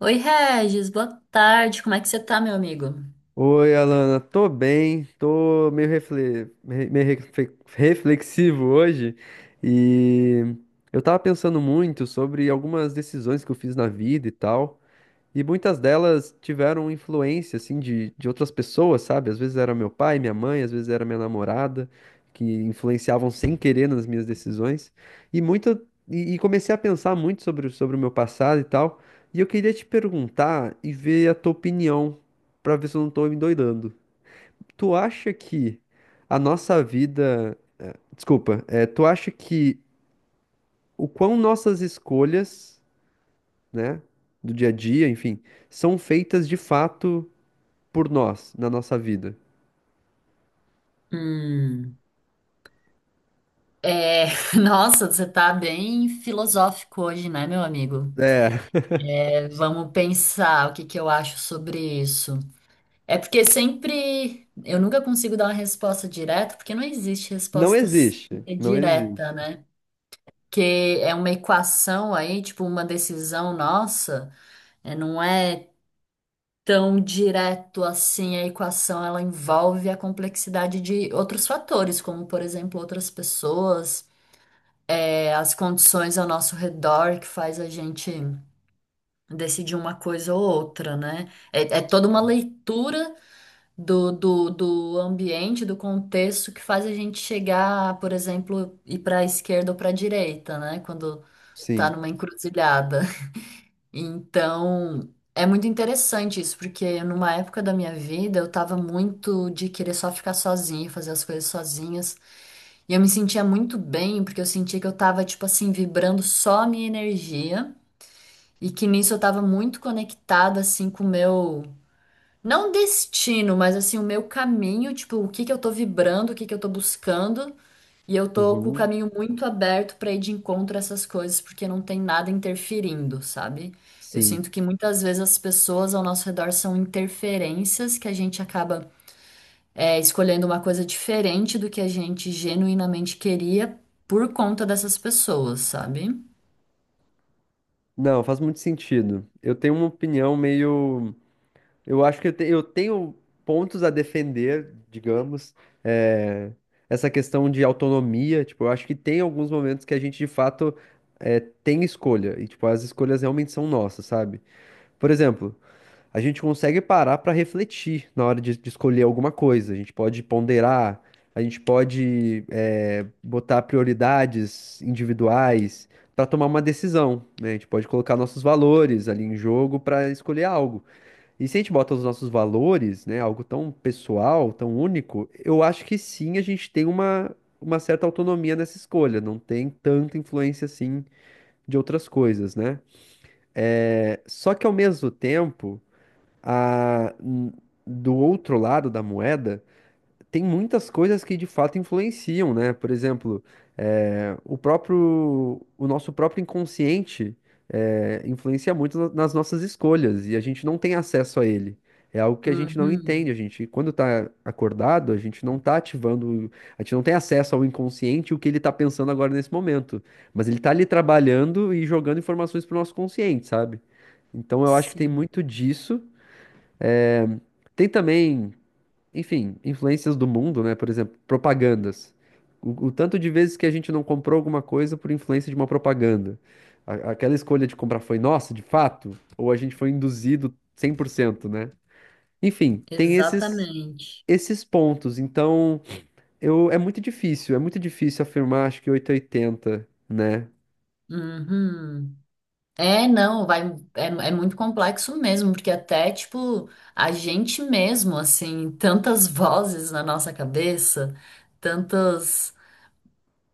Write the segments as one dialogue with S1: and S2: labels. S1: Oi, Regis, boa tarde. Como é que você tá, meu amigo?
S2: Oi, Alana, tô bem, tô meio reflexivo hoje e eu tava pensando muito sobre algumas decisões que eu fiz na vida e tal. E muitas delas tiveram influência, assim, de outras pessoas, sabe? Às vezes era meu pai, minha mãe, às vezes era minha namorada, que influenciavam sem querer nas minhas decisões. E muita, e comecei a pensar muito sobre, sobre o meu passado e tal. E eu queria te perguntar e ver a tua opinião, pra ver se eu não tô me doidando. Tu acha que a nossa vida... Desculpa, tu acha que o quão nossas escolhas, né, do dia a dia, enfim, são feitas de fato por nós na nossa vida.
S1: Hum, é, Nossa, você tá bem filosófico hoje, né, meu amigo?
S2: É,
S1: É, vamos pensar o que que eu acho sobre isso. É porque sempre eu nunca consigo dar uma resposta direta, porque não existe
S2: não existe, não existe.
S1: direta, né? Que é uma equação aí, tipo uma decisão nossa, não é tão direto assim a equação. Ela envolve a complexidade de outros fatores, como, por exemplo, outras pessoas, as condições ao nosso redor que faz a gente decidir uma coisa ou outra, né? É toda uma leitura do ambiente, do contexto que faz a gente chegar, por exemplo, ir para a esquerda ou para a direita, né? Quando tá
S2: Sim.
S1: numa encruzilhada. Então, é muito interessante isso, porque numa época da minha vida eu tava muito de querer só ficar sozinha, fazer as coisas sozinhas. E eu me sentia muito bem, porque eu sentia que eu tava, tipo assim, vibrando só a minha energia. E que nisso eu tava muito conectada, assim, com o meu. Não destino, mas assim, o meu caminho, tipo, o que que eu tô vibrando, o que que eu tô buscando. E eu tô com o
S2: Uhum.
S1: caminho muito aberto para ir de encontro a essas coisas, porque não tem nada interferindo, sabe? Eu
S2: Sim.
S1: sinto que muitas vezes as pessoas ao nosso redor são interferências que a gente acaba escolhendo uma coisa diferente do que a gente genuinamente queria por conta dessas pessoas, sabe?
S2: Não, faz muito sentido. Eu tenho uma opinião meio. Eu acho que eu tenho pontos a defender, digamos, é, essa questão de autonomia. Tipo, eu acho que tem alguns momentos que a gente de fato tem escolha. E, tipo, as escolhas realmente são nossas, sabe? Por exemplo, a gente consegue parar para refletir na hora de escolher alguma coisa. A gente pode ponderar, a gente pode botar prioridades individuais para tomar uma decisão, né? A gente pode colocar nossos valores ali em jogo para escolher algo. E se a gente bota os nossos valores, né, algo tão pessoal, tão único, eu acho que sim, a gente tem uma certa autonomia nessa escolha, não tem tanta influência assim de outras coisas, né? É, só que ao mesmo tempo a- do outro lado da moeda, tem muitas coisas que de fato influenciam, né? Por exemplo, eh, o próprio, o nosso próprio inconsciente influencia muito nas nossas escolhas e a gente não tem acesso a ele. É algo que a gente não entende. A
S1: Uhum.
S2: gente, quando tá acordado, a gente não tá ativando, a gente não tem acesso ao inconsciente, e o que ele tá pensando agora nesse momento. Mas ele tá ali trabalhando e jogando informações pro nosso consciente, sabe? Então eu acho que tem
S1: Sim,
S2: muito disso. Tem também, enfim, influências do mundo, né? Por exemplo, propagandas. O tanto de vezes que a gente não comprou alguma coisa por influência de uma propaganda. Aquela escolha de comprar foi nossa, de fato? Ou a gente foi induzido 100%, né? Enfim, tem esses,
S1: exatamente.
S2: esses pontos. Então, é muito difícil afirmar, acho que 880, né?
S1: Uhum. É, não, vai, é muito complexo mesmo, porque até, tipo, a gente mesmo, assim, tantas vozes na nossa cabeça, tantas,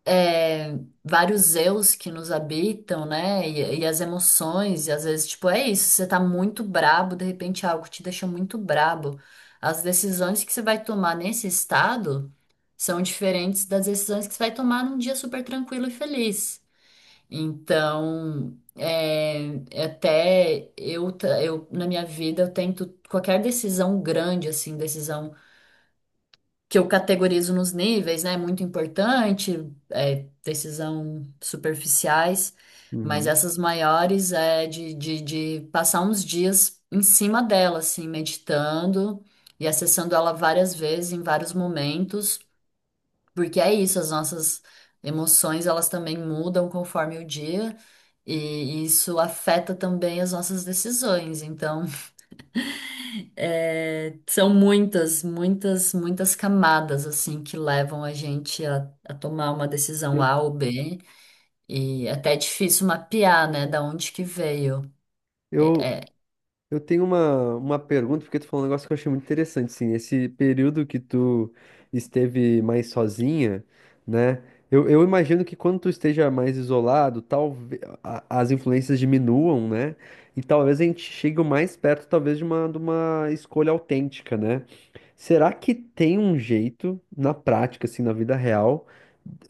S1: é, vários eus que nos habitam, né, e as emoções, e às vezes, tipo, é isso, você tá muito brabo, de repente algo te deixa muito brabo. As decisões que você vai tomar nesse estado são diferentes das decisões que você vai tomar num dia super tranquilo e feliz. Então, é até eu, na minha vida, eu tento qualquer decisão grande, assim, decisão que eu categorizo nos níveis, né? Muito importante, decisão superficiais, mas
S2: Uhum.
S1: essas maiores é de passar uns dias em cima dela, assim, meditando e acessando ela várias vezes, em vários momentos. Porque é isso, as nossas emoções, elas também mudam conforme o dia, e isso afeta também as nossas decisões. Então, é, são muitas, muitas, muitas camadas, assim, que levam a gente a tomar uma decisão
S2: Eu,
S1: A ou B, e até é difícil mapear, né, da onde que veio. É,
S2: eu,
S1: é,
S2: Eu tenho uma pergunta, porque tu falou um negócio que eu achei muito interessante, assim, esse período que tu esteve mais sozinha, né? Eu imagino que quando tu esteja mais isolado, talvez as influências diminuam, né? E talvez a gente chegue o mais perto, talvez, de uma escolha autêntica, né? Será que tem um jeito, na prática, assim, na vida real,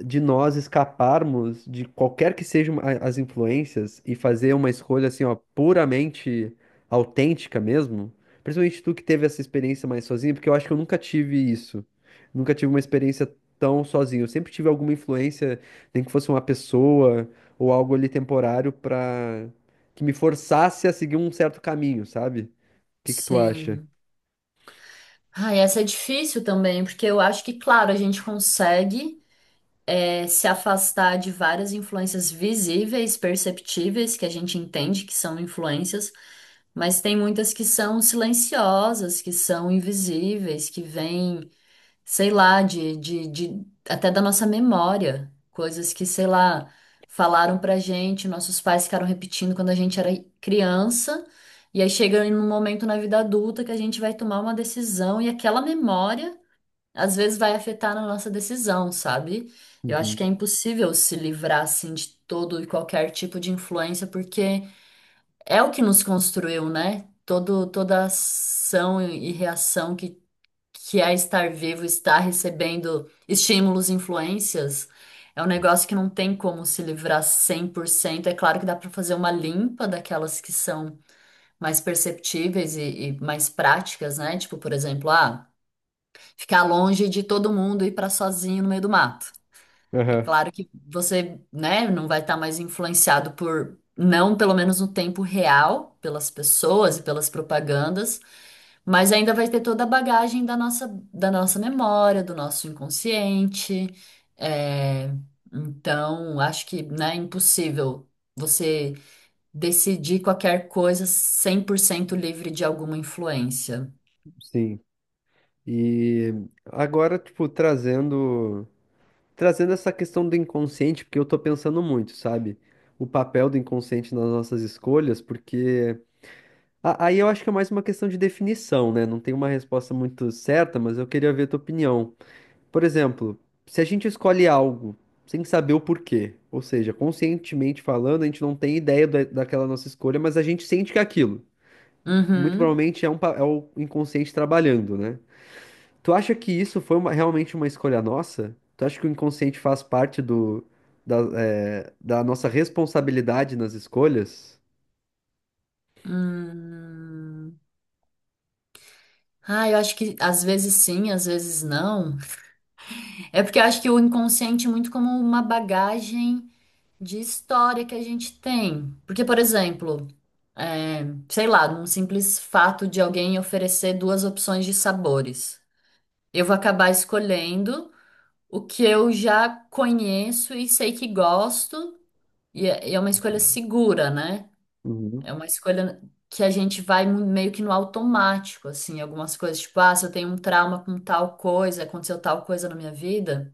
S2: de nós escaparmos de qualquer que sejam as influências e fazer uma escolha, assim, ó, puramente autêntica mesmo? Principalmente tu que teve essa experiência mais sozinho, porque eu acho que eu nunca tive isso. Nunca tive uma experiência tão sozinho. Eu sempre tive alguma influência, nem que fosse uma pessoa ou algo ali temporário pra que me forçasse a seguir um certo caminho, sabe? O que que tu acha?
S1: sim. Ah, essa é difícil também, porque eu acho que, claro, a gente consegue se afastar de várias influências visíveis, perceptíveis, que a gente entende que são influências, mas tem muitas que são silenciosas, que são invisíveis, que vêm, sei lá, até da nossa memória, coisas que, sei lá, falaram pra gente, nossos pais ficaram repetindo quando a gente era criança. E aí chega num momento na vida adulta que a gente vai tomar uma decisão e aquela memória às vezes vai afetar na nossa decisão, sabe? Eu acho que
S2: Uhum.
S1: é impossível se livrar assim de todo e qualquer tipo de influência, porque é o que nos construiu, né? Toda ação e reação que é estar vivo, estar recebendo estímulos, influências, é um negócio que não tem como se livrar 100%. É claro que dá para fazer uma limpa daquelas que são mais perceptíveis e mais práticas, né? Tipo, por exemplo, ah, ficar longe de todo mundo e ir para sozinho no meio do mato. É
S2: Aham,
S1: claro que você, né, não vai estar mais influenciado por, não pelo menos no tempo real, pelas pessoas e pelas propagandas, mas ainda vai ter toda a bagagem da nossa memória, do nosso inconsciente. É, então, acho que, né, é impossível você decidir qualquer coisa 100% livre de alguma influência.
S2: sim. E agora, tipo, trazendo essa questão do inconsciente, porque eu tô pensando muito, sabe? O papel do inconsciente nas nossas escolhas, porque aí eu acho que é mais uma questão de definição, né? Não tem uma resposta muito certa, mas eu queria ver a tua opinião. Por exemplo, se a gente escolhe algo sem saber o porquê, ou seja, conscientemente falando, a gente não tem ideia daquela nossa escolha, mas a gente sente que é aquilo. Muito
S1: Uhum.
S2: provavelmente é o inconsciente trabalhando, né? Tu acha que isso foi realmente uma escolha nossa? Tu acha que o inconsciente faz parte da nossa responsabilidade nas escolhas?
S1: Hum. Ah, eu acho que às vezes sim, às vezes não. É porque eu acho que o inconsciente é muito como uma bagagem de história que a gente tem. Porque, por exemplo, é, sei lá, num simples fato de alguém oferecer duas opções de sabores. Eu vou acabar escolhendo o que eu já conheço e sei que gosto, e é uma escolha segura, né? É
S2: Uhum.
S1: uma escolha que a gente vai meio que no automático, assim, algumas coisas, tipo, ah, se eu tenho um trauma com tal coisa, aconteceu tal coisa na minha vida,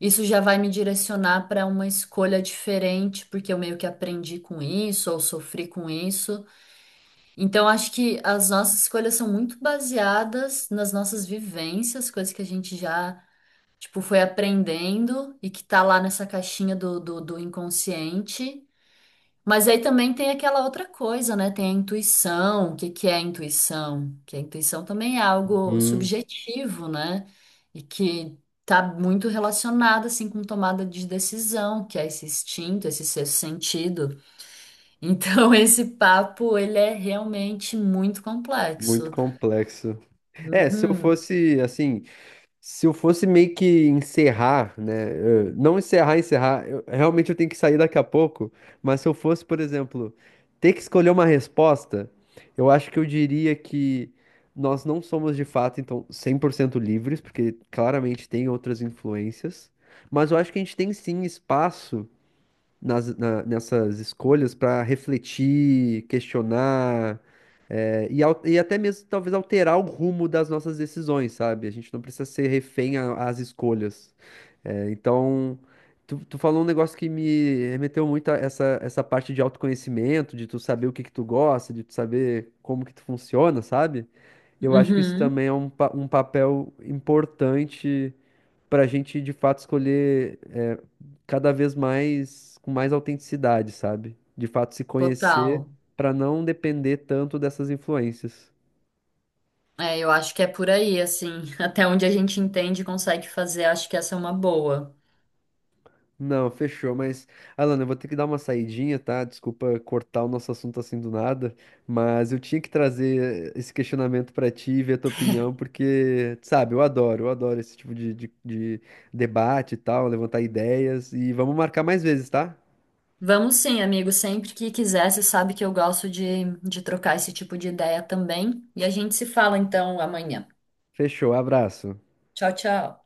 S1: isso já vai me direcionar para uma escolha diferente, porque eu meio que aprendi com isso ou sofri com isso. Então, acho que as nossas escolhas são muito baseadas nas nossas vivências, coisas que a gente já, tipo, foi aprendendo e que tá lá nessa caixinha do inconsciente. Mas aí também tem aquela outra coisa, né? Tem a intuição. O que que é a intuição? Que a intuição também é algo
S2: Hum,
S1: subjetivo, né? E que tá muito relacionado assim com tomada de decisão, que é esse instinto, esse sexto sentido. Então esse papo ele é realmente muito
S2: muito
S1: complexo.
S2: complexo. É, se eu
S1: Uhum,
S2: fosse assim. Se eu fosse meio que encerrar, né? Não encerrar, encerrar, realmente eu tenho que sair daqui a pouco, mas se eu fosse, por exemplo, ter que escolher uma resposta, eu acho que eu diria que nós não somos de fato, então, 100% livres, porque claramente tem outras influências, mas eu acho que a gente tem sim espaço nessas escolhas para refletir, questionar, E até mesmo talvez alterar o rumo das nossas decisões, sabe? A gente não precisa ser refém às escolhas. É, então, tu falou um negócio que me remeteu muito a essa parte de autoconhecimento, de tu saber o que que tu gosta, de tu saber como que tu funciona, sabe? Eu acho que isso
S1: uhum,
S2: também é um papel importante para a gente, de fato, escolher cada vez mais, com mais autenticidade, sabe? De fato, se conhecer
S1: total.
S2: para não depender tanto dessas influências.
S1: É, eu acho que é por aí, assim, até onde a gente entende e consegue fazer, acho que essa é uma boa.
S2: Não, fechou, mas Alan, eu vou ter que dar uma saidinha, tá? Desculpa cortar o nosso assunto assim do nada, mas eu tinha que trazer esse questionamento pra ti e ver a tua opinião, porque, sabe, eu adoro esse tipo de debate e tal, levantar ideias, e vamos marcar mais vezes, tá?
S1: Vamos sim, amigo. Sempre que quiser, você sabe que eu gosto de trocar esse tipo de ideia também. E a gente se fala então amanhã.
S2: Fechou, abraço.
S1: Tchau, tchau.